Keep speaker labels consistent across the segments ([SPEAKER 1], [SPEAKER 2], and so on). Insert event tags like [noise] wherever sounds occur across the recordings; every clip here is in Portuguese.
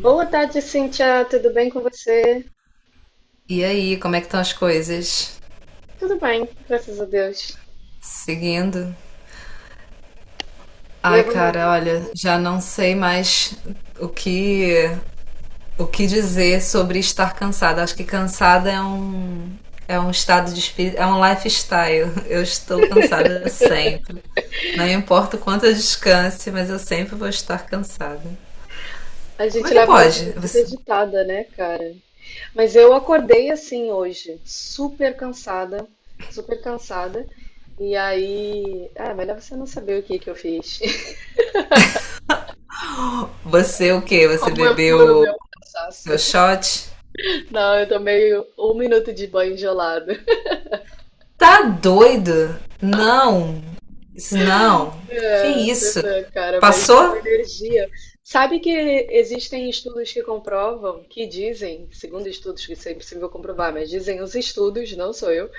[SPEAKER 1] Boa tarde, Cíntia. Tudo bem com você?
[SPEAKER 2] E aí, como é que estão as coisas?
[SPEAKER 1] Tudo bem, graças a Deus.
[SPEAKER 2] Seguindo? Ai, cara,
[SPEAKER 1] Levando-
[SPEAKER 2] olha, já não sei mais o que o que dizer sobre estar cansada. Acho que cansada é um estado de espírito, é um lifestyle. [laughs] Eu estou cansada sempre. Não importa o quanto eu descanse, mas eu sempre vou estar cansada.
[SPEAKER 1] a
[SPEAKER 2] Como é
[SPEAKER 1] gente
[SPEAKER 2] que
[SPEAKER 1] leva uma
[SPEAKER 2] pode?
[SPEAKER 1] vida muito
[SPEAKER 2] Você,
[SPEAKER 1] agitada, né, cara? Mas eu acordei assim hoje, super cansada, super cansada. E aí, melhor você não saber o que que eu fiz. [laughs]
[SPEAKER 2] você o quê? Você
[SPEAKER 1] Como eu curo
[SPEAKER 2] bebeu
[SPEAKER 1] meu cansaço.
[SPEAKER 2] seu shot?
[SPEAKER 1] Não, eu tomei um minuto de banho gelado.
[SPEAKER 2] Tá doido? Não. Isso não. Que
[SPEAKER 1] É,
[SPEAKER 2] isso?
[SPEAKER 1] pois é, cara, mas dá uma
[SPEAKER 2] Passou?
[SPEAKER 1] energia. Sabe que existem estudos que comprovam, que dizem, segundo estudos que isso é impossível comprovar, mas dizem os estudos, não sou eu,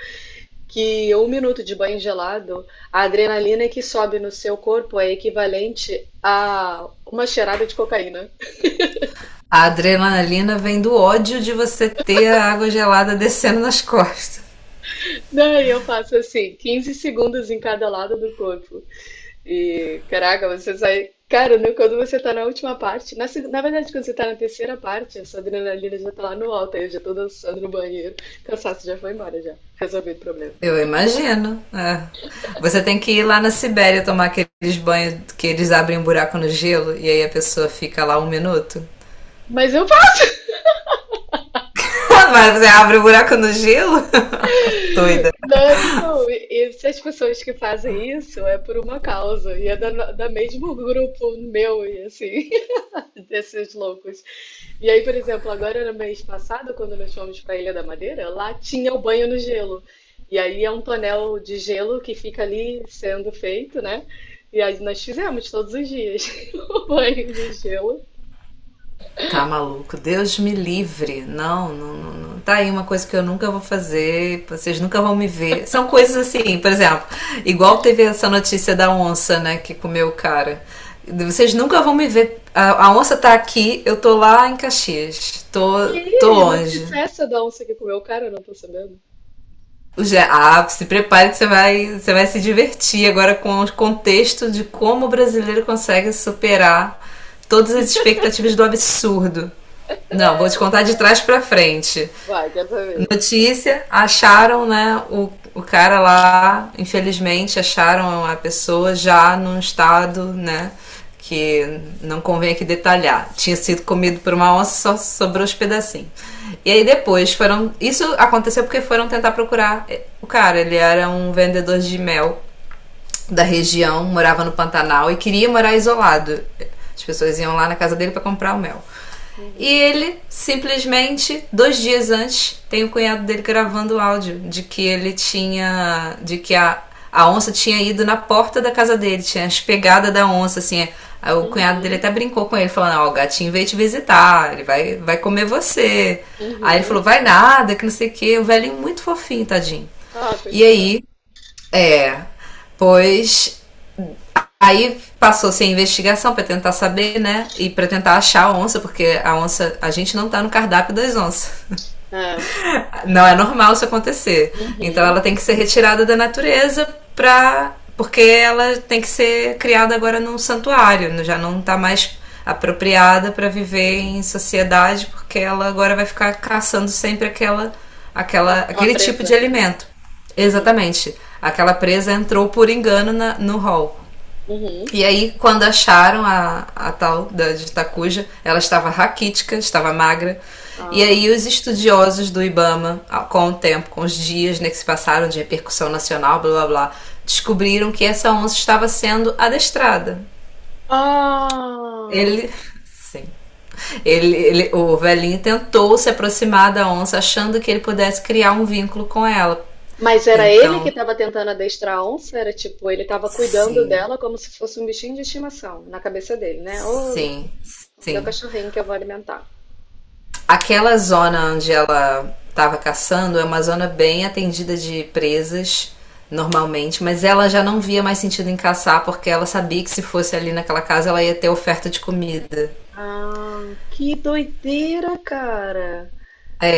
[SPEAKER 1] que um minuto de banho gelado, a adrenalina que sobe no seu corpo é equivalente a uma cheirada de cocaína.
[SPEAKER 2] A adrenalina vem do ódio de você ter a água gelada descendo nas costas.
[SPEAKER 1] Daí eu faço assim, 15 segundos em cada lado do corpo. E, caraca, você sai. Cara, né, quando você tá na última parte, na verdade, quando você tá na terceira parte, essa adrenalina já tá lá no alto, aí eu já tô dançando no banheiro, cansaço já foi embora, já. Resolvido o problema.
[SPEAKER 2] Eu imagino. É. Você tem que ir lá na Sibéria tomar aqueles banhos que eles abrem um buraco no gelo e aí a pessoa fica lá um minuto.
[SPEAKER 1] Mas eu faço,
[SPEAKER 2] [laughs] Mas você abre o buraco no gelo? [laughs] Doida.
[SPEAKER 1] né? Então, e se as pessoas que fazem isso é por uma causa, e é da mesmo grupo meu, e assim, [laughs] desses loucos. E aí, por exemplo, agora no mês passado, quando nós fomos para a Ilha da Madeira, lá tinha o banho no gelo. E aí é um tonel de gelo que fica ali sendo feito, né? E aí nós fizemos todos os dias [laughs] o banho de gelo.
[SPEAKER 2] Tá maluco, Deus me livre. Não, não, não, não. Tá aí uma coisa que eu nunca vou fazer, vocês nunca vão me ver. São coisas assim, por exemplo, igual teve essa notícia da onça, né, que comeu o cara. Vocês nunca vão me ver. A onça tá aqui, eu tô lá em Caxias. Tô
[SPEAKER 1] Que
[SPEAKER 2] longe.
[SPEAKER 1] notícia é essa da onça que comeu o cara? Eu não tô sabendo.
[SPEAKER 2] Já, ah, se prepare que você vai se divertir agora com o contexto de como o brasileiro consegue superar todas as expectativas do absurdo. Não, vou te contar de trás para frente.
[SPEAKER 1] Vai, quer saber?
[SPEAKER 2] Notícia, acharam, né, o cara lá, infelizmente, acharam a pessoa já num estado, né, que não convém aqui detalhar. Tinha sido comido por uma onça, só sobrou os pedacinhos. E aí depois foram. Isso aconteceu porque foram tentar procurar o cara. Ele era um vendedor de mel da região, morava no Pantanal e queria morar isolado. As pessoas iam lá na casa dele para comprar o mel. E
[SPEAKER 1] Uhum,
[SPEAKER 2] ele simplesmente, 2 dias antes, tem o cunhado dele gravando o áudio de que ele tinha. De que a onça tinha ido na porta da casa dele, tinha as pegadas da onça, assim. É. Aí o cunhado dele
[SPEAKER 1] uhum,
[SPEAKER 2] até brincou com ele, falando: Ó, o gatinho veio te visitar, ele vai comer você. Aí ele
[SPEAKER 1] uhum.
[SPEAKER 2] falou: vai nada, que não sei o quê. O velhinho muito fofinho, tadinho.
[SPEAKER 1] Ah,
[SPEAKER 2] E
[SPEAKER 1] coitado.
[SPEAKER 2] aí, é. Pois. Aí passou-se a investigação para tentar saber, né? E para tentar achar a onça, porque a onça, a gente não tá no cardápio das onças.
[SPEAKER 1] É.
[SPEAKER 2] Não é normal isso acontecer. Então ela
[SPEAKER 1] Uhum.
[SPEAKER 2] tem que ser retirada da natureza pra porque ela tem que ser criada agora num santuário, né? Já não tá mais apropriada para viver em sociedade, porque ela agora vai ficar caçando sempre aquela,
[SPEAKER 1] Ah,
[SPEAKER 2] aquela
[SPEAKER 1] aquela
[SPEAKER 2] aquele tipo de
[SPEAKER 1] presa.
[SPEAKER 2] alimento.
[SPEAKER 1] Uhum,
[SPEAKER 2] Exatamente. Aquela presa entrou por engano na, no hall.
[SPEAKER 1] uhum.
[SPEAKER 2] E aí, quando acharam a tal da de Itacuja, ela estava raquítica, estava magra. E
[SPEAKER 1] Ah.
[SPEAKER 2] aí, os estudiosos do Ibama, com o tempo, com os dias né, que se passaram de repercussão nacional, blá blá blá, descobriram que essa onça estava sendo adestrada.
[SPEAKER 1] Ah!
[SPEAKER 2] Ele. [laughs] Sim. O velhinho tentou se aproximar da onça, achando que ele pudesse criar um vínculo com ela.
[SPEAKER 1] Mas era ele que
[SPEAKER 2] Então,
[SPEAKER 1] estava tentando adestrar a onça? Era tipo, ele estava cuidando
[SPEAKER 2] sim,
[SPEAKER 1] dela como se fosse um bichinho de estimação, na cabeça dele, né? Ô,
[SPEAKER 2] sim,
[SPEAKER 1] meu
[SPEAKER 2] sim.
[SPEAKER 1] cachorrinho que eu vou alimentar.
[SPEAKER 2] Aquela zona onde ela estava caçando é uma zona bem atendida de presas normalmente, mas ela já não via mais sentido em caçar porque ela sabia que se fosse ali naquela casa ela ia ter oferta de comida.
[SPEAKER 1] Ah, que doideira, cara!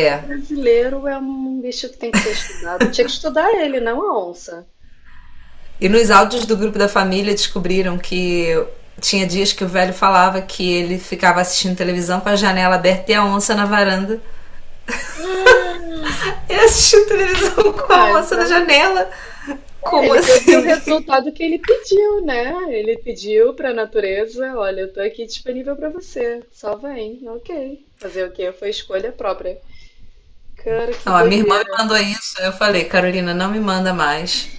[SPEAKER 1] É brasileiro é um bicho que tem que ser estudado. Tinha que estudar ele, não a onça.
[SPEAKER 2] E nos áudios do grupo da família descobriram que tinha dias que o velho falava que ele ficava assistindo televisão com a janela aberta e a onça na varanda. Ele assistiu televisão [laughs] com
[SPEAKER 1] Ah,
[SPEAKER 2] a onça na
[SPEAKER 1] então,
[SPEAKER 2] janela.
[SPEAKER 1] é,
[SPEAKER 2] Como
[SPEAKER 1] ele teve o
[SPEAKER 2] assim? [laughs]
[SPEAKER 1] resultado que ele pediu, né? Ele pediu para a natureza, olha, eu tô aqui disponível para você, só vem, ok. Fazer o quê? Foi escolha própria. Cara, que
[SPEAKER 2] Não, a minha irmã me
[SPEAKER 1] doideira.
[SPEAKER 2] mandou isso. Eu falei, Carolina, não me manda mais.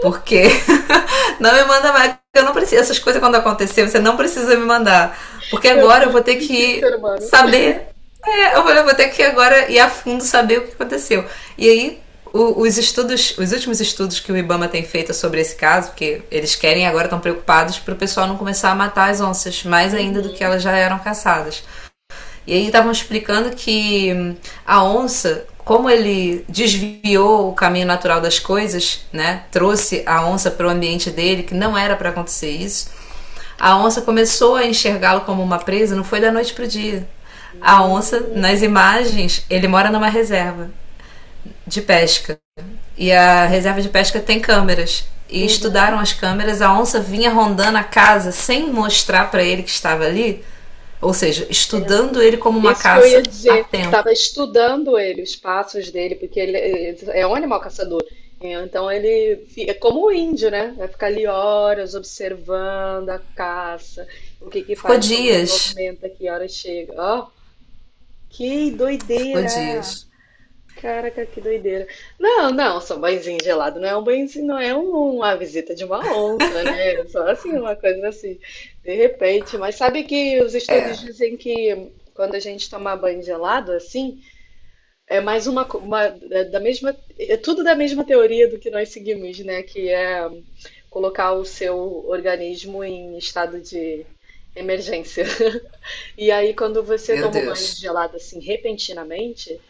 [SPEAKER 2] Porque [laughs] não me manda mais, eu não preciso. Essas coisas quando acontecer, você não precisa me mandar. Porque
[SPEAKER 1] Eu
[SPEAKER 2] agora eu
[SPEAKER 1] vou
[SPEAKER 2] vou ter
[SPEAKER 1] desistir de ser
[SPEAKER 2] que
[SPEAKER 1] humano.
[SPEAKER 2] saber. É, eu vou ter que agora ir a fundo saber o que aconteceu. E aí, os últimos estudos que o IBAMA tem feito sobre esse caso, porque eles querem agora estão preocupados para o pessoal não começar a matar as onças mais ainda do que
[SPEAKER 1] Uhum.
[SPEAKER 2] elas já eram caçadas. E aí estavam explicando que a onça, como ele desviou o caminho natural das coisas, né? Trouxe a onça para o ambiente dele, que não era para acontecer isso. A onça começou a enxergá-lo como uma presa, não foi da noite pro dia. A onça, nas
[SPEAKER 1] Hum.
[SPEAKER 2] imagens, ele mora numa reserva de pesca. E a reserva de pesca tem câmeras. E
[SPEAKER 1] Uhum.
[SPEAKER 2] estudaram as câmeras, a onça vinha rondando a casa sem mostrar para ele que estava ali, ou seja, estudando ele
[SPEAKER 1] Tempos.
[SPEAKER 2] como uma
[SPEAKER 1] Isso que eu ia
[SPEAKER 2] caça a
[SPEAKER 1] dizer.
[SPEAKER 2] tempo.
[SPEAKER 1] Tava estudando ele, os passos dele, porque ele é um animal caçador. Então é como o índio, né? Vai ficar ali horas observando a caça, o que que
[SPEAKER 2] Ficou
[SPEAKER 1] faz, como se
[SPEAKER 2] dias,
[SPEAKER 1] movimenta, que hora chega. Ó, que
[SPEAKER 2] ficou
[SPEAKER 1] doideira!
[SPEAKER 2] dias.
[SPEAKER 1] Caraca, que doideira. Não, não, só um banhozinho gelado, não é um banhozinho, não é um- uma visita de uma onça, né? É só assim, uma coisa assim, de repente. Mas sabe que os estudos
[SPEAKER 2] É,
[SPEAKER 1] dizem que quando a gente toma banho gelado, assim, é mais uma, co- uma é da mesma, é tudo da mesma teoria do que nós seguimos, né? Que é colocar o seu organismo em estado de emergência. [laughs] E aí, quando você
[SPEAKER 2] meu
[SPEAKER 1] toma o banho
[SPEAKER 2] Deus.
[SPEAKER 1] gelado assim repentinamente,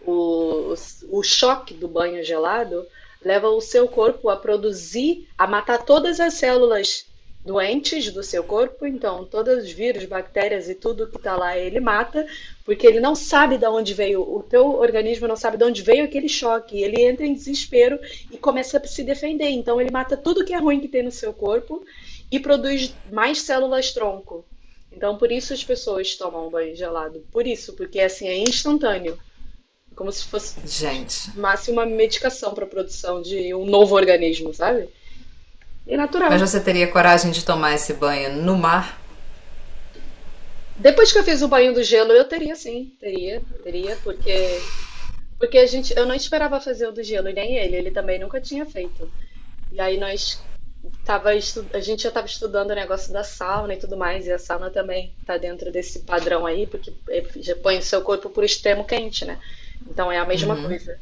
[SPEAKER 1] o, o choque do banho gelado leva o seu corpo a produzir, a matar todas as células doentes do seu corpo, então todos os vírus, bactérias e tudo que está lá ele mata, porque ele não sabe de onde veio, o teu organismo não sabe de onde veio aquele choque, ele entra em desespero e começa a se defender, então ele mata tudo que é ruim que tem no seu corpo e produz mais células tronco. Então por isso as pessoas tomam banho gelado, por isso, porque assim é instantâneo. Como se fosse, tipo,
[SPEAKER 2] Gente,
[SPEAKER 1] máximo uma medicação para a produção de um novo organismo, sabe? E é
[SPEAKER 2] mas
[SPEAKER 1] natural.
[SPEAKER 2] você teria coragem de tomar esse banho no mar?
[SPEAKER 1] Depois que eu fiz o banho do gelo, eu teria sim, teria, teria, porque a gente, eu não esperava fazer o do gelo e nem ele, ele também nunca tinha feito. E aí a gente já estava estudando o negócio da sauna e tudo mais, e a sauna também está dentro desse padrão aí, já põe o seu corpo por extremo quente, né? Então é a mesma coisa.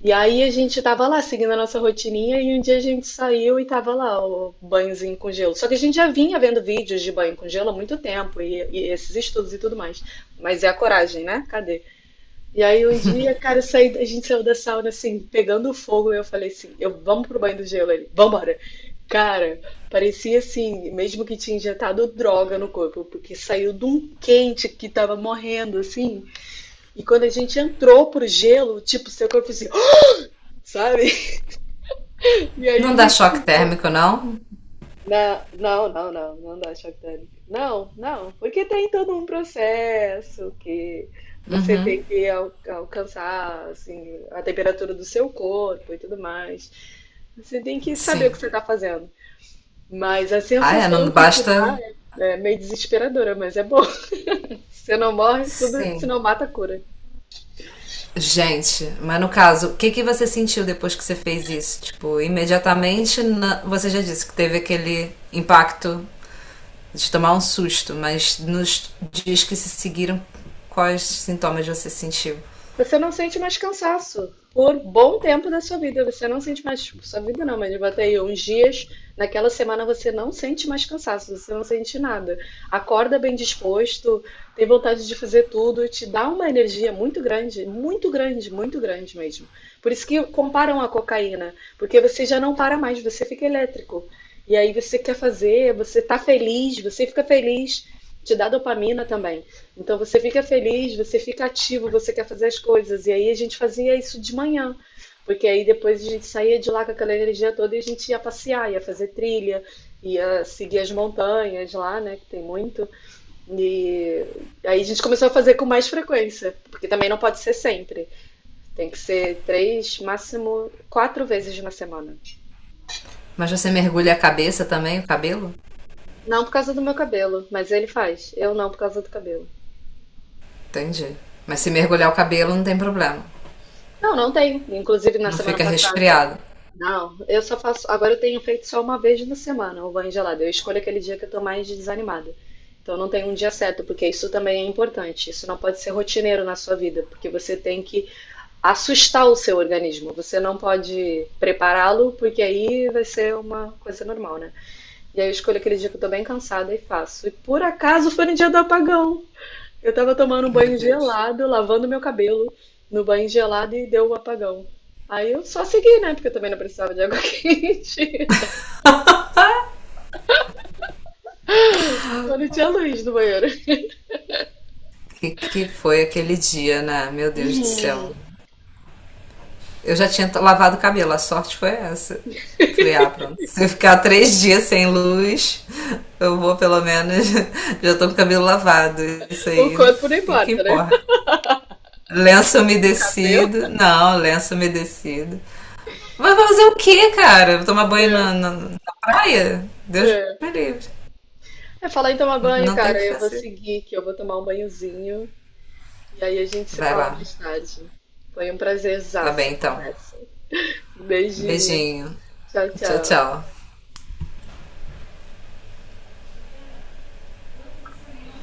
[SPEAKER 1] E aí a gente tava lá seguindo a nossa rotininha e um dia a gente saiu e tava lá o banhozinho com gelo. Só que a gente já vinha vendo vídeos de banho com gelo há muito tempo e esses estudos e tudo mais. Mas é a coragem, né? Cadê? E aí um dia, cara, a gente saiu da sauna assim, pegando fogo, e eu falei assim, eu vamos pro banho do gelo ali, vambora. Cara, parecia assim, mesmo que tinha injetado droga no corpo, porque saiu de um quente que tava morrendo assim. E quando a gente entrou pro gelo, tipo, seu corpo assim, [gasps] sabe? E aí
[SPEAKER 2] Não
[SPEAKER 1] a
[SPEAKER 2] dá choque
[SPEAKER 1] gente.
[SPEAKER 2] térmico, não?
[SPEAKER 1] Não, não, não, não, não dá choque térmico. Não, não, porque tem todo um processo que você
[SPEAKER 2] Uhum,
[SPEAKER 1] tem que al- alcançar assim, a temperatura do seu corpo e tudo mais. Você tem que saber o
[SPEAKER 2] sim.
[SPEAKER 1] que você está fazendo. Mas a
[SPEAKER 2] Ah, é? Não
[SPEAKER 1] sensação que te
[SPEAKER 2] basta.
[SPEAKER 1] dá é meio desesperadora, mas é bom. [laughs] Você não morre, tudo, se
[SPEAKER 2] Sim.
[SPEAKER 1] não mata, cura.
[SPEAKER 2] Gente, mas no caso, o que que você sentiu depois que você fez isso? Tipo, imediatamente na- você já disse que teve aquele impacto de tomar um susto, mas nos dias que se seguiram, quais sintomas você sentiu?
[SPEAKER 1] Você não sente mais cansaço por bom tempo da sua vida. Você não sente mais, tipo, sua vida não, mas bota aí uns dias. Naquela semana você não sente mais cansaço, você não sente nada. Acorda bem disposto, tem vontade de fazer tudo, te dá uma energia muito grande, muito grande, muito grande mesmo. Por isso que comparam a cocaína, porque você já não para mais, você fica elétrico. E aí você quer fazer, você tá feliz, você fica feliz, te dá dopamina também. Então você fica feliz, você fica ativo, você quer fazer as coisas. E aí a gente fazia isso de manhã, porque aí depois a gente saía de lá com aquela energia toda e a gente ia passear, ia fazer trilha, ia seguir as montanhas lá, né, que tem muito. E aí a gente começou a fazer com mais frequência, porque também não pode ser sempre. Tem que ser três, máximo quatro vezes na semana.
[SPEAKER 2] Mas você mergulha a cabeça também, o cabelo?
[SPEAKER 1] Não por causa do meu cabelo, mas ele faz. Eu não por causa do cabelo.
[SPEAKER 2] Entendi. Mas se mergulhar o cabelo não tem problema.
[SPEAKER 1] Não, não tem. Inclusive na
[SPEAKER 2] Não
[SPEAKER 1] semana
[SPEAKER 2] fica
[SPEAKER 1] passada.
[SPEAKER 2] resfriado.
[SPEAKER 1] Não, eu só faço. Agora eu tenho feito só uma vez na semana o banho gelado. Eu escolho aquele dia que eu tô mais desanimada. Então não tem um dia certo, porque isso também é importante. Isso não pode ser rotineiro na sua vida, porque você tem que assustar o seu organismo. Você não pode prepará-lo, porque aí vai ser uma coisa normal, né? E aí eu escolho aquele dia que eu tô bem cansada e faço. E por acaso foi no dia do apagão. Eu tava tomando um
[SPEAKER 2] Meu
[SPEAKER 1] banho
[SPEAKER 2] Deus.
[SPEAKER 1] gelado, lavando meu cabelo no banho gelado e deu um apagão. Aí eu só segui, né? Porque eu também não precisava de água [laughs] quente. Só não tinha luz no banheiro.
[SPEAKER 2] O que que foi aquele dia, né? Meu Deus do céu. Eu já tinha lavado o cabelo, a sorte foi essa. Falei, ah, pronto. Se eu ficar 3 dias sem luz, eu vou pelo menos. [laughs] Já tô com o cabelo lavado. Isso
[SPEAKER 1] O
[SPEAKER 2] aí.
[SPEAKER 1] corpo não
[SPEAKER 2] E que
[SPEAKER 1] importa, né?
[SPEAKER 2] porra. Lenço
[SPEAKER 1] O cabelo.
[SPEAKER 2] umedecido. Não, lenço umedecido. Mas vai fazer o quê, cara? Tomar banho na,
[SPEAKER 1] É,
[SPEAKER 2] na, na praia? Deus
[SPEAKER 1] é.
[SPEAKER 2] me livre.
[SPEAKER 1] É falar em tomar
[SPEAKER 2] Não,
[SPEAKER 1] banho,
[SPEAKER 2] não tem o
[SPEAKER 1] cara.
[SPEAKER 2] que
[SPEAKER 1] Eu vou
[SPEAKER 2] fazer.
[SPEAKER 1] seguir, que eu vou tomar um banhozinho. E aí a gente se
[SPEAKER 2] Vai
[SPEAKER 1] fala
[SPEAKER 2] lá.
[SPEAKER 1] mais tarde. Foi um
[SPEAKER 2] Tá
[SPEAKER 1] prazerzaço
[SPEAKER 2] bem,
[SPEAKER 1] a
[SPEAKER 2] então.
[SPEAKER 1] conversa. Beijinho.
[SPEAKER 2] Beijinho.
[SPEAKER 1] Tchau,
[SPEAKER 2] Tchau,
[SPEAKER 1] tchau.
[SPEAKER 2] tchau.